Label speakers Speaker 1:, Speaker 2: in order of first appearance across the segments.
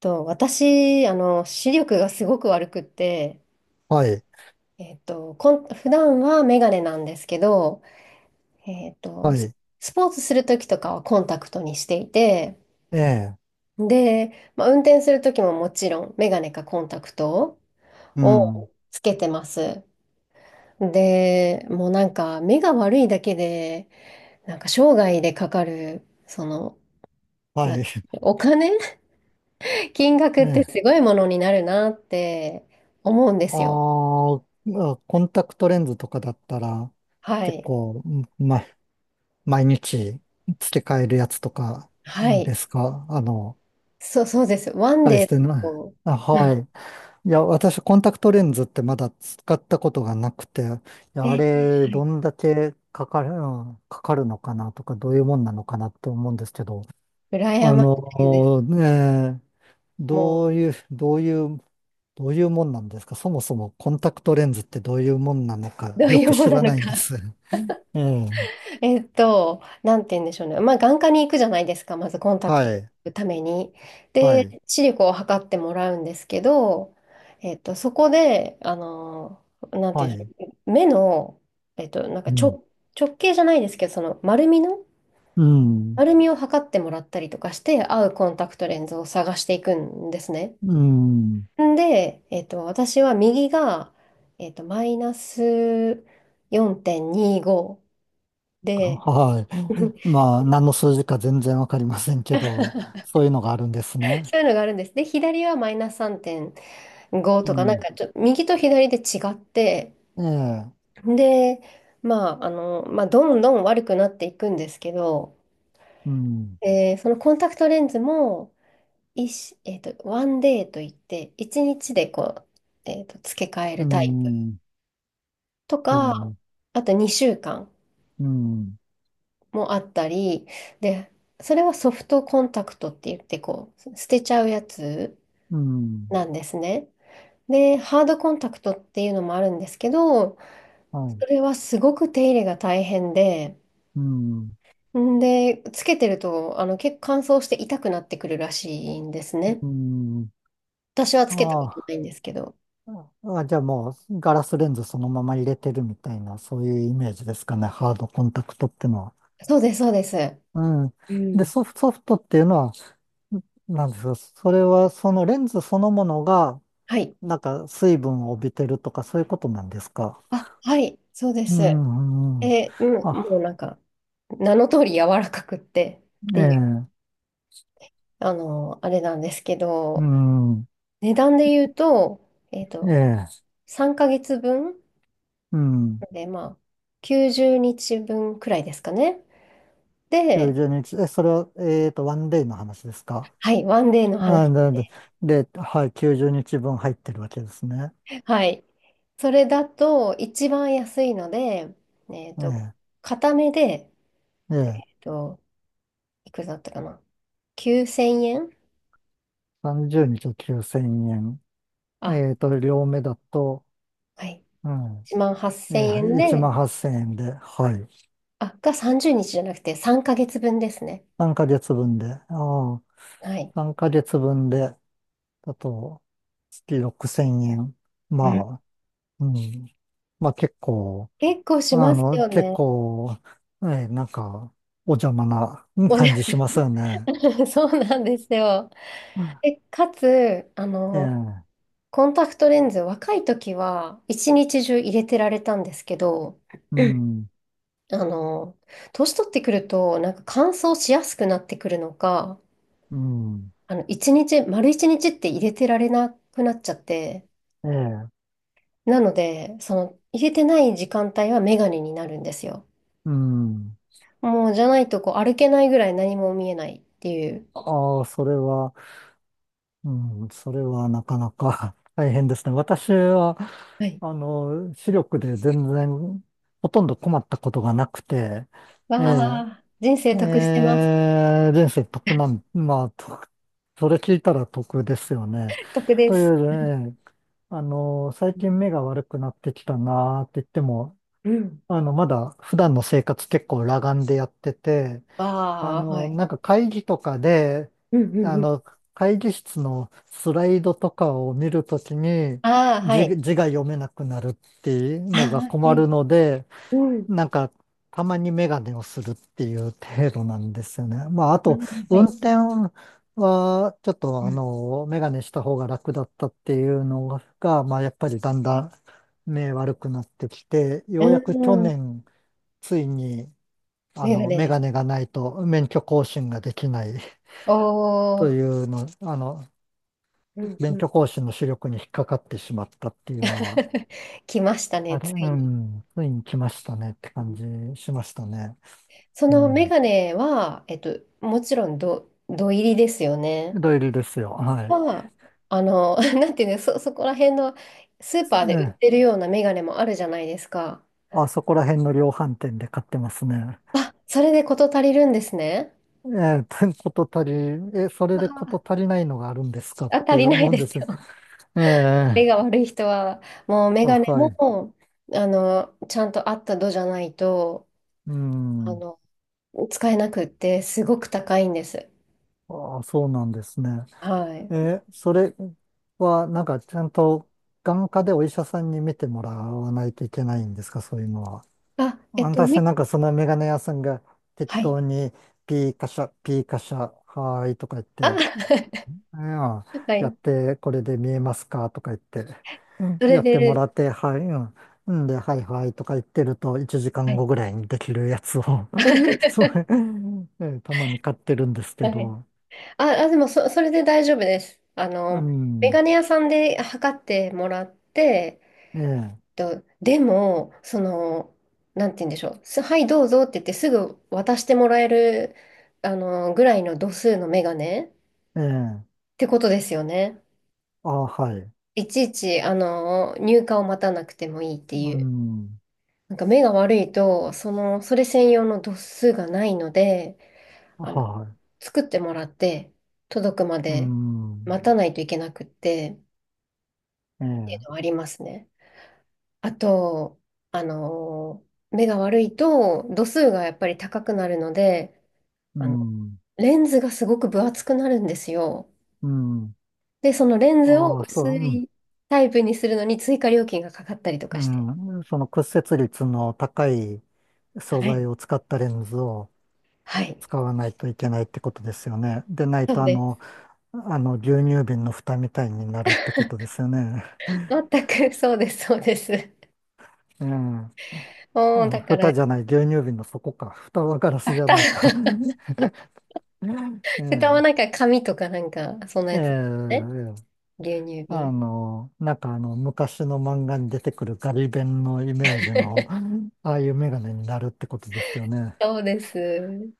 Speaker 1: 私、視力がすごく悪くって、
Speaker 2: はい、
Speaker 1: 普段はメガネなんですけど、えっと、
Speaker 2: は
Speaker 1: ス
Speaker 2: い。
Speaker 1: スポーツするときとかはコンタクトにしていて、
Speaker 2: ええ、
Speaker 1: で、まあ、運転するときももちろんメガネかコンタクト
Speaker 2: うん、
Speaker 1: をつけてます。で、もうなんか目が悪いだけで、なんか生涯でかかる、
Speaker 2: は
Speaker 1: な、
Speaker 2: い。
Speaker 1: お金 金額
Speaker 2: え
Speaker 1: って
Speaker 2: え。
Speaker 1: すごいものになるなって思うんですよ。
Speaker 2: まあ、コンタクトレンズとかだったら、
Speaker 1: は
Speaker 2: 結
Speaker 1: い。
Speaker 2: 構、ま、毎日付け替えるやつとか
Speaker 1: は
Speaker 2: で
Speaker 1: い。
Speaker 2: すか？あの、
Speaker 1: そうです。ワン
Speaker 2: 大し
Speaker 1: デー
Speaker 2: てな、
Speaker 1: と、
Speaker 2: あ、はい。いや、私、コンタクトレンズってまだ使ったことがなくて、いや、あ
Speaker 1: え、
Speaker 2: れ、どんだけかかる、うんかかるのかなとか、どういうもんなのかなって思うんですけど、
Speaker 1: 羨ましいです。
Speaker 2: ねえ、
Speaker 1: も
Speaker 2: どういう、どういうどういうもんなんですか？そもそもコンタクトレンズってどういうもんなの
Speaker 1: う、
Speaker 2: か
Speaker 1: どう
Speaker 2: よ
Speaker 1: いう
Speaker 2: く
Speaker 1: も
Speaker 2: 知
Speaker 1: のな
Speaker 2: ら
Speaker 1: の
Speaker 2: ないんで
Speaker 1: か。
Speaker 2: す。ええ。
Speaker 1: えっと、なんて言うんでしょうね。まあ、眼科に行くじゃないですか。まずコンタク
Speaker 2: は
Speaker 1: ト
Speaker 2: い。
Speaker 1: のために。
Speaker 2: はい。
Speaker 1: で、視力を測ってもらうんですけど、えっと、そこで、あの、なんて
Speaker 2: は
Speaker 1: 言うんで
Speaker 2: い。
Speaker 1: しょう。目の、えっと、なんか
Speaker 2: うん。
Speaker 1: 直、直径じゃないですけど、
Speaker 2: うん。
Speaker 1: 丸みを測ってもらったりとかして、合うコンタクトレンズを探していくんですね。
Speaker 2: うん。
Speaker 1: んで、えっと、私は右が、えっと、マイナス4.25で、
Speaker 2: はい。まあ、何の数字か全然わかりませんけど、そういうのがあるんですね。
Speaker 1: そういうのがあるんです。で、左はマイナス3.5
Speaker 2: う
Speaker 1: とか、なん
Speaker 2: ん。
Speaker 1: かちょ、右と左で違って、
Speaker 2: ええ。
Speaker 1: で、まあ、あの、まあ、どんどん悪くなっていくんですけど、
Speaker 2: うん。
Speaker 1: えーそのコンタクトレンズも、えっと、ワンデーといって、1日でこう、えっと、付け替え
Speaker 2: う
Speaker 1: るタイプ
Speaker 2: ん。
Speaker 1: と
Speaker 2: え
Speaker 1: か、
Speaker 2: え。
Speaker 1: あと2週間。
Speaker 2: うん。
Speaker 1: もあったり、で、それはソフトコンタクトって言って、こう、捨てちゃうやつ
Speaker 2: うん。
Speaker 1: なんですね。で、ハードコンタクトっていうのもあるんですけど、
Speaker 2: は
Speaker 1: そ
Speaker 2: い。
Speaker 1: れはすごく手入れが大変で、
Speaker 2: うん。
Speaker 1: んで、つけてると、あの、結構乾燥して痛くなってくるらしいんですね。
Speaker 2: うん。
Speaker 1: 私は
Speaker 2: あ
Speaker 1: つけたことな
Speaker 2: あ。
Speaker 1: いんですけど。
Speaker 2: あ、じゃあもうガラスレンズそのまま入れてるみたいな、そういうイメージですかね、ハードコンタクトってのは。
Speaker 1: そうです。
Speaker 2: うん。
Speaker 1: う
Speaker 2: で、
Speaker 1: ん。
Speaker 2: ソフトっていうのは、なんですか？それはそのレンズそのものが、
Speaker 1: はい。
Speaker 2: なんか水分を帯びてるとかそういうことなんですか？
Speaker 1: あ、はい、そうで
Speaker 2: う
Speaker 1: す。
Speaker 2: ん、うん。
Speaker 1: え、うん、もう
Speaker 2: あ、
Speaker 1: なんか、名の通り柔らかくってっ
Speaker 2: え
Speaker 1: ていう。
Speaker 2: え、
Speaker 1: あの、あれなんですけ
Speaker 2: う
Speaker 1: ど、
Speaker 2: ん、
Speaker 1: 値段で言うと、えっ
Speaker 2: え
Speaker 1: と、
Speaker 2: え、
Speaker 1: 3ヶ月分
Speaker 2: うん。
Speaker 1: で、まあ、90日分くらいですかね。で、
Speaker 2: 90日、え、それは、ワンデイの話ですか？
Speaker 1: はい、ワンデーの
Speaker 2: あ、
Speaker 1: 話。
Speaker 2: なで、で、ではい、90日分入ってるわけですね。
Speaker 1: はい。それだと、一番安いので、えっと、
Speaker 2: え
Speaker 1: 片目で、
Speaker 2: え、え
Speaker 1: えっ
Speaker 2: え。
Speaker 1: と、いくらだったかな。9000円
Speaker 2: 30日9千円。
Speaker 1: あ、
Speaker 2: 両目だと、
Speaker 1: はい。
Speaker 2: うん、
Speaker 1: 1万8000円
Speaker 2: 1万
Speaker 1: で、
Speaker 2: 8千円で、はい。
Speaker 1: あ、が30日じゅうにちじゃなくて3ヶ月分ですね。
Speaker 2: 3ヶ月分で、ああ、
Speaker 1: はい。
Speaker 2: 3ヶ月分で、だと、月6千円。
Speaker 1: うん
Speaker 2: まあ、うん。まあ結構、
Speaker 1: 結構し
Speaker 2: あ
Speaker 1: ます
Speaker 2: の、
Speaker 1: よ
Speaker 2: 結
Speaker 1: ね。
Speaker 2: 構、なんか、お邪魔な
Speaker 1: おじ
Speaker 2: 感
Speaker 1: ゃ
Speaker 2: じしますよね。
Speaker 1: そうなんですよ。え、かつ、あ
Speaker 2: え
Speaker 1: の、
Speaker 2: え、
Speaker 1: コンタクトレンズ、若い時は一日中入れてられたんですけど、
Speaker 2: うん、
Speaker 1: あの、年取ってくると、なんか乾燥しやすくなってくるのか、
Speaker 2: うん、
Speaker 1: あの、丸一日って入れてられなくなっちゃって、
Speaker 2: ええ、
Speaker 1: なので、その、入れてない時間帯はメガネになるんですよ。
Speaker 2: うん。
Speaker 1: もう、じゃないと、こう、歩けないぐらい何も見えないっていう。
Speaker 2: ああ、それは、うん、それはなかなか 大変ですね。私は、
Speaker 1: はい。
Speaker 2: 視力でほとんど困ったことがなくて、
Speaker 1: わ
Speaker 2: ええ、
Speaker 1: あ、人
Speaker 2: え
Speaker 1: 生得してま
Speaker 2: ー
Speaker 1: す。
Speaker 2: 人生得なん、まあ、それ聞いたら得ですよね。
Speaker 1: 得で
Speaker 2: とい
Speaker 1: す。
Speaker 2: う、ねあの、最近目が悪くなってきたなーって言っても、
Speaker 1: うん。
Speaker 2: まだ普段の生活結構裸眼でやってて、
Speaker 1: ああはい。
Speaker 2: なんか会議とかで、
Speaker 1: うん。うん
Speaker 2: あ
Speaker 1: うん。
Speaker 2: の、会議室のスライドとかを見るときに
Speaker 1: ああ、は
Speaker 2: 字、
Speaker 1: い。
Speaker 2: 字が読めなくなるっていう
Speaker 1: ああ、
Speaker 2: のが
Speaker 1: は
Speaker 2: 困る
Speaker 1: い。
Speaker 2: ので、
Speaker 1: うん。
Speaker 2: なんかたまにメガネをするっていう程度なんですよね。まあ、あ
Speaker 1: う
Speaker 2: と、
Speaker 1: んは
Speaker 2: 運
Speaker 1: い。
Speaker 2: 転はちょっ
Speaker 1: う
Speaker 2: と
Speaker 1: ん
Speaker 2: メガネした方が楽だったっていうのが、まあ、やっぱりだんだん目悪くなってきて、ようやく去年、ついに
Speaker 1: メガネ
Speaker 2: メ
Speaker 1: で
Speaker 2: ガ
Speaker 1: す。
Speaker 2: ネがないと免許更新ができない
Speaker 1: お
Speaker 2: と
Speaker 1: ー、
Speaker 2: いうの、あの、
Speaker 1: うん
Speaker 2: 免
Speaker 1: うん。
Speaker 2: 許更新の視力に引っかかってしまったっていうのは、
Speaker 1: 来ました
Speaker 2: あ
Speaker 1: ね、
Speaker 2: れ、
Speaker 1: つ
Speaker 2: う
Speaker 1: いに。
Speaker 2: ん、ついに来ましたねって
Speaker 1: う
Speaker 2: 感
Speaker 1: ん
Speaker 2: じしましたね。
Speaker 1: そ
Speaker 2: う
Speaker 1: のメ
Speaker 2: ん。
Speaker 1: ガネは、えっと、もちろんど、土入りですよね。
Speaker 2: 土入りですよ。はい。
Speaker 1: は、あの、なんていうの、そこら辺のスー
Speaker 2: え
Speaker 1: パーで売っ
Speaker 2: え、
Speaker 1: てるようなメガネもあるじゃないですか。
Speaker 2: あそこら辺の量販店で買ってますね。
Speaker 1: あ、それで事足りるんですね。
Speaker 2: ええ、てこと足り、え、それでこと足りないのがあるんですかっ
Speaker 1: あ、足
Speaker 2: て
Speaker 1: りな
Speaker 2: 思
Speaker 1: い
Speaker 2: うん
Speaker 1: で
Speaker 2: で
Speaker 1: す
Speaker 2: すよ。
Speaker 1: よ。
Speaker 2: え
Speaker 1: 目
Speaker 2: え、
Speaker 1: が悪い人は、もうメ
Speaker 2: あ、
Speaker 1: ガネ
Speaker 2: はい。
Speaker 1: も、あの、ちゃんと合った度じゃないと、
Speaker 2: う
Speaker 1: あ
Speaker 2: ん。
Speaker 1: の、使えなくって、すごく高いんです。
Speaker 2: ああ、そうなんですね。
Speaker 1: はい。
Speaker 2: えそれは、なんか、ちゃんと眼科でお医者さんに見てもらわないといけないんですか、そういうのは。
Speaker 1: あ、えっと、
Speaker 2: 私
Speaker 1: み、
Speaker 2: はなんかそのメガネ屋さんが適
Speaker 1: はい。
Speaker 2: 当にピーカシャ、ピーカシャ、はーいとか言っ
Speaker 1: あ、
Speaker 2: て、うん
Speaker 1: は
Speaker 2: やっ
Speaker 1: い。
Speaker 2: て、これで見えますかとか言って、うん
Speaker 1: それ
Speaker 2: やっても
Speaker 1: で、
Speaker 2: らって、はい、うん、うんで、はいはいとか言ってると、1時
Speaker 1: は
Speaker 2: 間
Speaker 1: い。
Speaker 2: 後ぐらいにできるやつを そう、たまに買ってるんですけ
Speaker 1: はい。
Speaker 2: ど、
Speaker 1: でもそ、それで大丈夫です。あ
Speaker 2: う
Speaker 1: の、メガ
Speaker 2: ん、
Speaker 1: ネ屋さんで測ってもらって、
Speaker 2: ええ
Speaker 1: と、でも、その、なんて言うんでしょう。すはい、どうぞって言ってすぐ渡してもらえる、あの、ぐらいの度数のメガネっ
Speaker 2: ええ
Speaker 1: てことですよね。
Speaker 2: あ、はい。
Speaker 1: いちいち、あの、入荷を待たなくてもいいってい
Speaker 2: う
Speaker 1: う。
Speaker 2: ん。
Speaker 1: なんか目が悪いと、その、それ専用の度数がないので、あの、
Speaker 2: はい。
Speaker 1: 作ってもらって、届くま
Speaker 2: う
Speaker 1: で
Speaker 2: ん。
Speaker 1: 待たないといけなくって、
Speaker 2: え
Speaker 1: っていう
Speaker 2: え。
Speaker 1: のはありますね。あと、あのー目が悪いと度数がやっぱり高くなるので、
Speaker 2: う
Speaker 1: あの、
Speaker 2: ん。
Speaker 1: レンズがすごく分厚くなるんですよ。
Speaker 2: うん。
Speaker 1: で、そのレンズを
Speaker 2: ああ、そう、
Speaker 1: 薄
Speaker 2: うん。
Speaker 1: いタイプにするのに追加料金がかかったりとかして。
Speaker 2: うん。その屈折率の高い素
Speaker 1: はい。
Speaker 2: 材を使ったレンズを
Speaker 1: はい。
Speaker 2: 使わないといけないってことですよね。でない
Speaker 1: そう
Speaker 2: と、
Speaker 1: です。
Speaker 2: 牛乳瓶の蓋みたいになるってことですよね。
Speaker 1: 全くそうです。
Speaker 2: ええ。あ、
Speaker 1: もう、だから、
Speaker 2: 蓋じゃない、牛乳瓶の底か。蓋はガラスじゃ
Speaker 1: 蓋、
Speaker 2: ないか。え
Speaker 1: 蓋はなん
Speaker 2: え。
Speaker 1: か紙とかなんか、そんな
Speaker 2: ええ。
Speaker 1: やつですね。
Speaker 2: ええ、
Speaker 1: 牛乳瓶。
Speaker 2: なんか昔の漫画に出てくるガリ勉のイメージの、う ん、ああいうメガネになるってことですよね。
Speaker 1: そうです。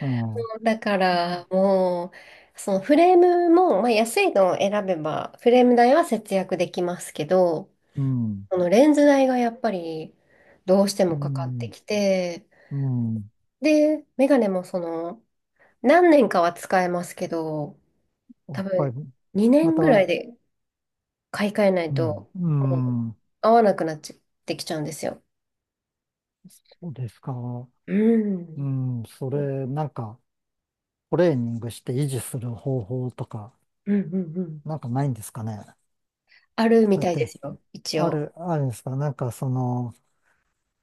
Speaker 2: うん。
Speaker 1: だか
Speaker 2: うん。
Speaker 1: らもう、そのフレームも、まあ、安いのを選べば、フレーム代は節約できますけど、このレンズ代がやっぱりどうして
Speaker 2: う
Speaker 1: もかかって
Speaker 2: ん。
Speaker 1: きて、
Speaker 2: うん。
Speaker 1: で、メガネもその、何年かは使えますけど、
Speaker 2: や
Speaker 1: 多
Speaker 2: っぱ
Speaker 1: 分
Speaker 2: り、
Speaker 1: 2
Speaker 2: ま
Speaker 1: 年
Speaker 2: た
Speaker 1: ぐらい
Speaker 2: は、
Speaker 1: で買い替えない
Speaker 2: うん。
Speaker 1: と、
Speaker 2: う
Speaker 1: もう
Speaker 2: ん。
Speaker 1: 合わなくなっちゃってきちゃうんですよ。
Speaker 2: そうですか。
Speaker 1: う
Speaker 2: う
Speaker 1: ん。
Speaker 2: ん。そ
Speaker 1: うん
Speaker 2: れ、なんか、トレーニングして維持する方法とか、
Speaker 1: うんうん。
Speaker 2: なんかないんですかね。
Speaker 1: ある
Speaker 2: とか
Speaker 1: み
Speaker 2: 言っ
Speaker 1: たいで
Speaker 2: て、
Speaker 1: すよ、一
Speaker 2: あ
Speaker 1: 応。
Speaker 2: る、あるんですか？なんか、その、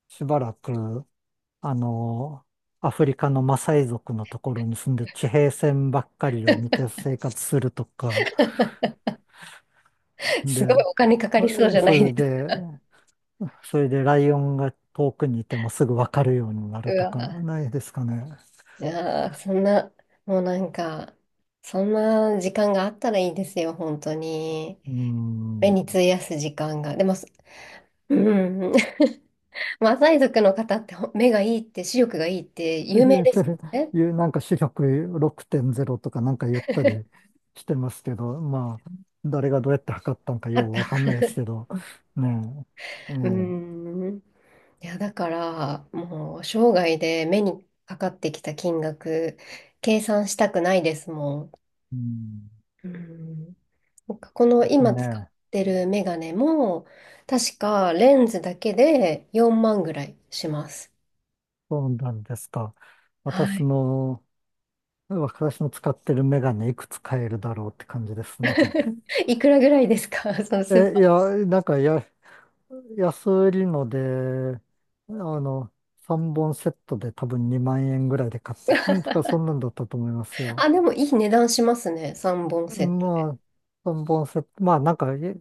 Speaker 2: しばらく、あの、アフリカのマサイ族のところに住んで地平線ばっかりを見 て生活するとか、
Speaker 1: すごい
Speaker 2: で、
Speaker 1: お金かかりそうじゃな
Speaker 2: そ
Speaker 1: い
Speaker 2: れ
Speaker 1: ですか。
Speaker 2: で、それでライオンが遠くにいてもすぐわかるようになる
Speaker 1: う
Speaker 2: とか、
Speaker 1: わ
Speaker 2: ないですかね。
Speaker 1: いやー、そんな、もうなんか、そんな時間があったらいいですよ、本当に。
Speaker 2: う
Speaker 1: 目
Speaker 2: ん。
Speaker 1: に費やす時間が。でも、そうんん、マサイ族の方って目がいいって、視力がいいって有名
Speaker 2: で
Speaker 1: で
Speaker 2: そ
Speaker 1: すも
Speaker 2: れ
Speaker 1: んね。
Speaker 2: いう、なんか視力6.0とかなんか言ったりしてますけど、まあ、誰がどうやって測ったのか
Speaker 1: あ
Speaker 2: よ
Speaker 1: っ
Speaker 2: う
Speaker 1: た。
Speaker 2: わかんないですけど、ねえ、え
Speaker 1: う
Speaker 2: え、
Speaker 1: ん。いや、だから、もう、生涯で目にかかってきた金額、計算したくないですもん。
Speaker 2: うん、
Speaker 1: うんなんかこの今
Speaker 2: ね
Speaker 1: 使っ
Speaker 2: え。
Speaker 1: てるメガネも、確かレンズだけで4万ぐらいします。
Speaker 2: そうなんですか。
Speaker 1: は
Speaker 2: 私
Speaker 1: い。
Speaker 2: の、私の使ってるメガネいくつ買えるだろうって感じですね。
Speaker 1: いくらぐらいですか その スー
Speaker 2: え、い
Speaker 1: パ
Speaker 2: や、なんか安売りので、あの、3本セットで多分2万円ぐらいで買ったとか、そんなんだったと思います
Speaker 1: ー。
Speaker 2: よ。
Speaker 1: あ、でもいい値段しますね。3本セットで。
Speaker 2: まあ、3本セット、まあなんか、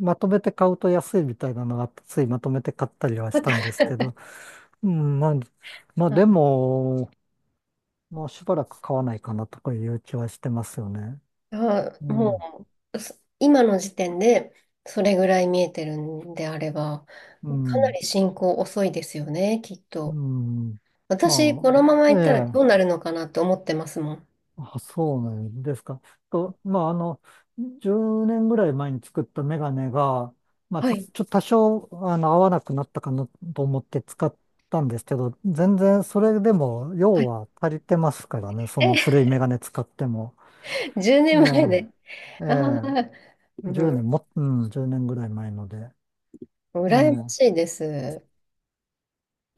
Speaker 2: まとめて買うと安いみたいなのがあって、ついまとめて買ったりはしたんですけど、うん、まあ、まあ
Speaker 1: は
Speaker 2: で
Speaker 1: い
Speaker 2: も、もうしばらく買わないかなとかいう気はしてますよね。
Speaker 1: あ、
Speaker 2: うん、
Speaker 1: もう、今の時点でそれぐらい見えてるんであれば、
Speaker 2: う
Speaker 1: かな
Speaker 2: ん、
Speaker 1: り進行遅いですよね、きっ
Speaker 2: う
Speaker 1: と。
Speaker 2: ん。
Speaker 1: 私、こ
Speaker 2: ま
Speaker 1: のまま
Speaker 2: あ、
Speaker 1: いっ
Speaker 2: え
Speaker 1: たらど
Speaker 2: え、
Speaker 1: うなるのかなと思ってますもん。
Speaker 2: あ、そうなんですか。と、まあ、10年ぐらい前に作ったメガネが、まあ、ち
Speaker 1: はい。
Speaker 2: ょっと多少、合わなくなったかなと思って使ったんですけど、全然それでも
Speaker 1: は
Speaker 2: 用
Speaker 1: い。
Speaker 2: は足りてますか らね、そ
Speaker 1: え、
Speaker 2: の古いメガネ使っても。
Speaker 1: 10
Speaker 2: え
Speaker 1: 年
Speaker 2: え、
Speaker 1: 前で。
Speaker 2: え
Speaker 1: ああ、
Speaker 2: え、
Speaker 1: う
Speaker 2: 10
Speaker 1: ん。
Speaker 2: 年も、うん、10年ぐらい前ので。
Speaker 1: 羨ま
Speaker 2: え
Speaker 1: し
Speaker 2: え
Speaker 1: いです。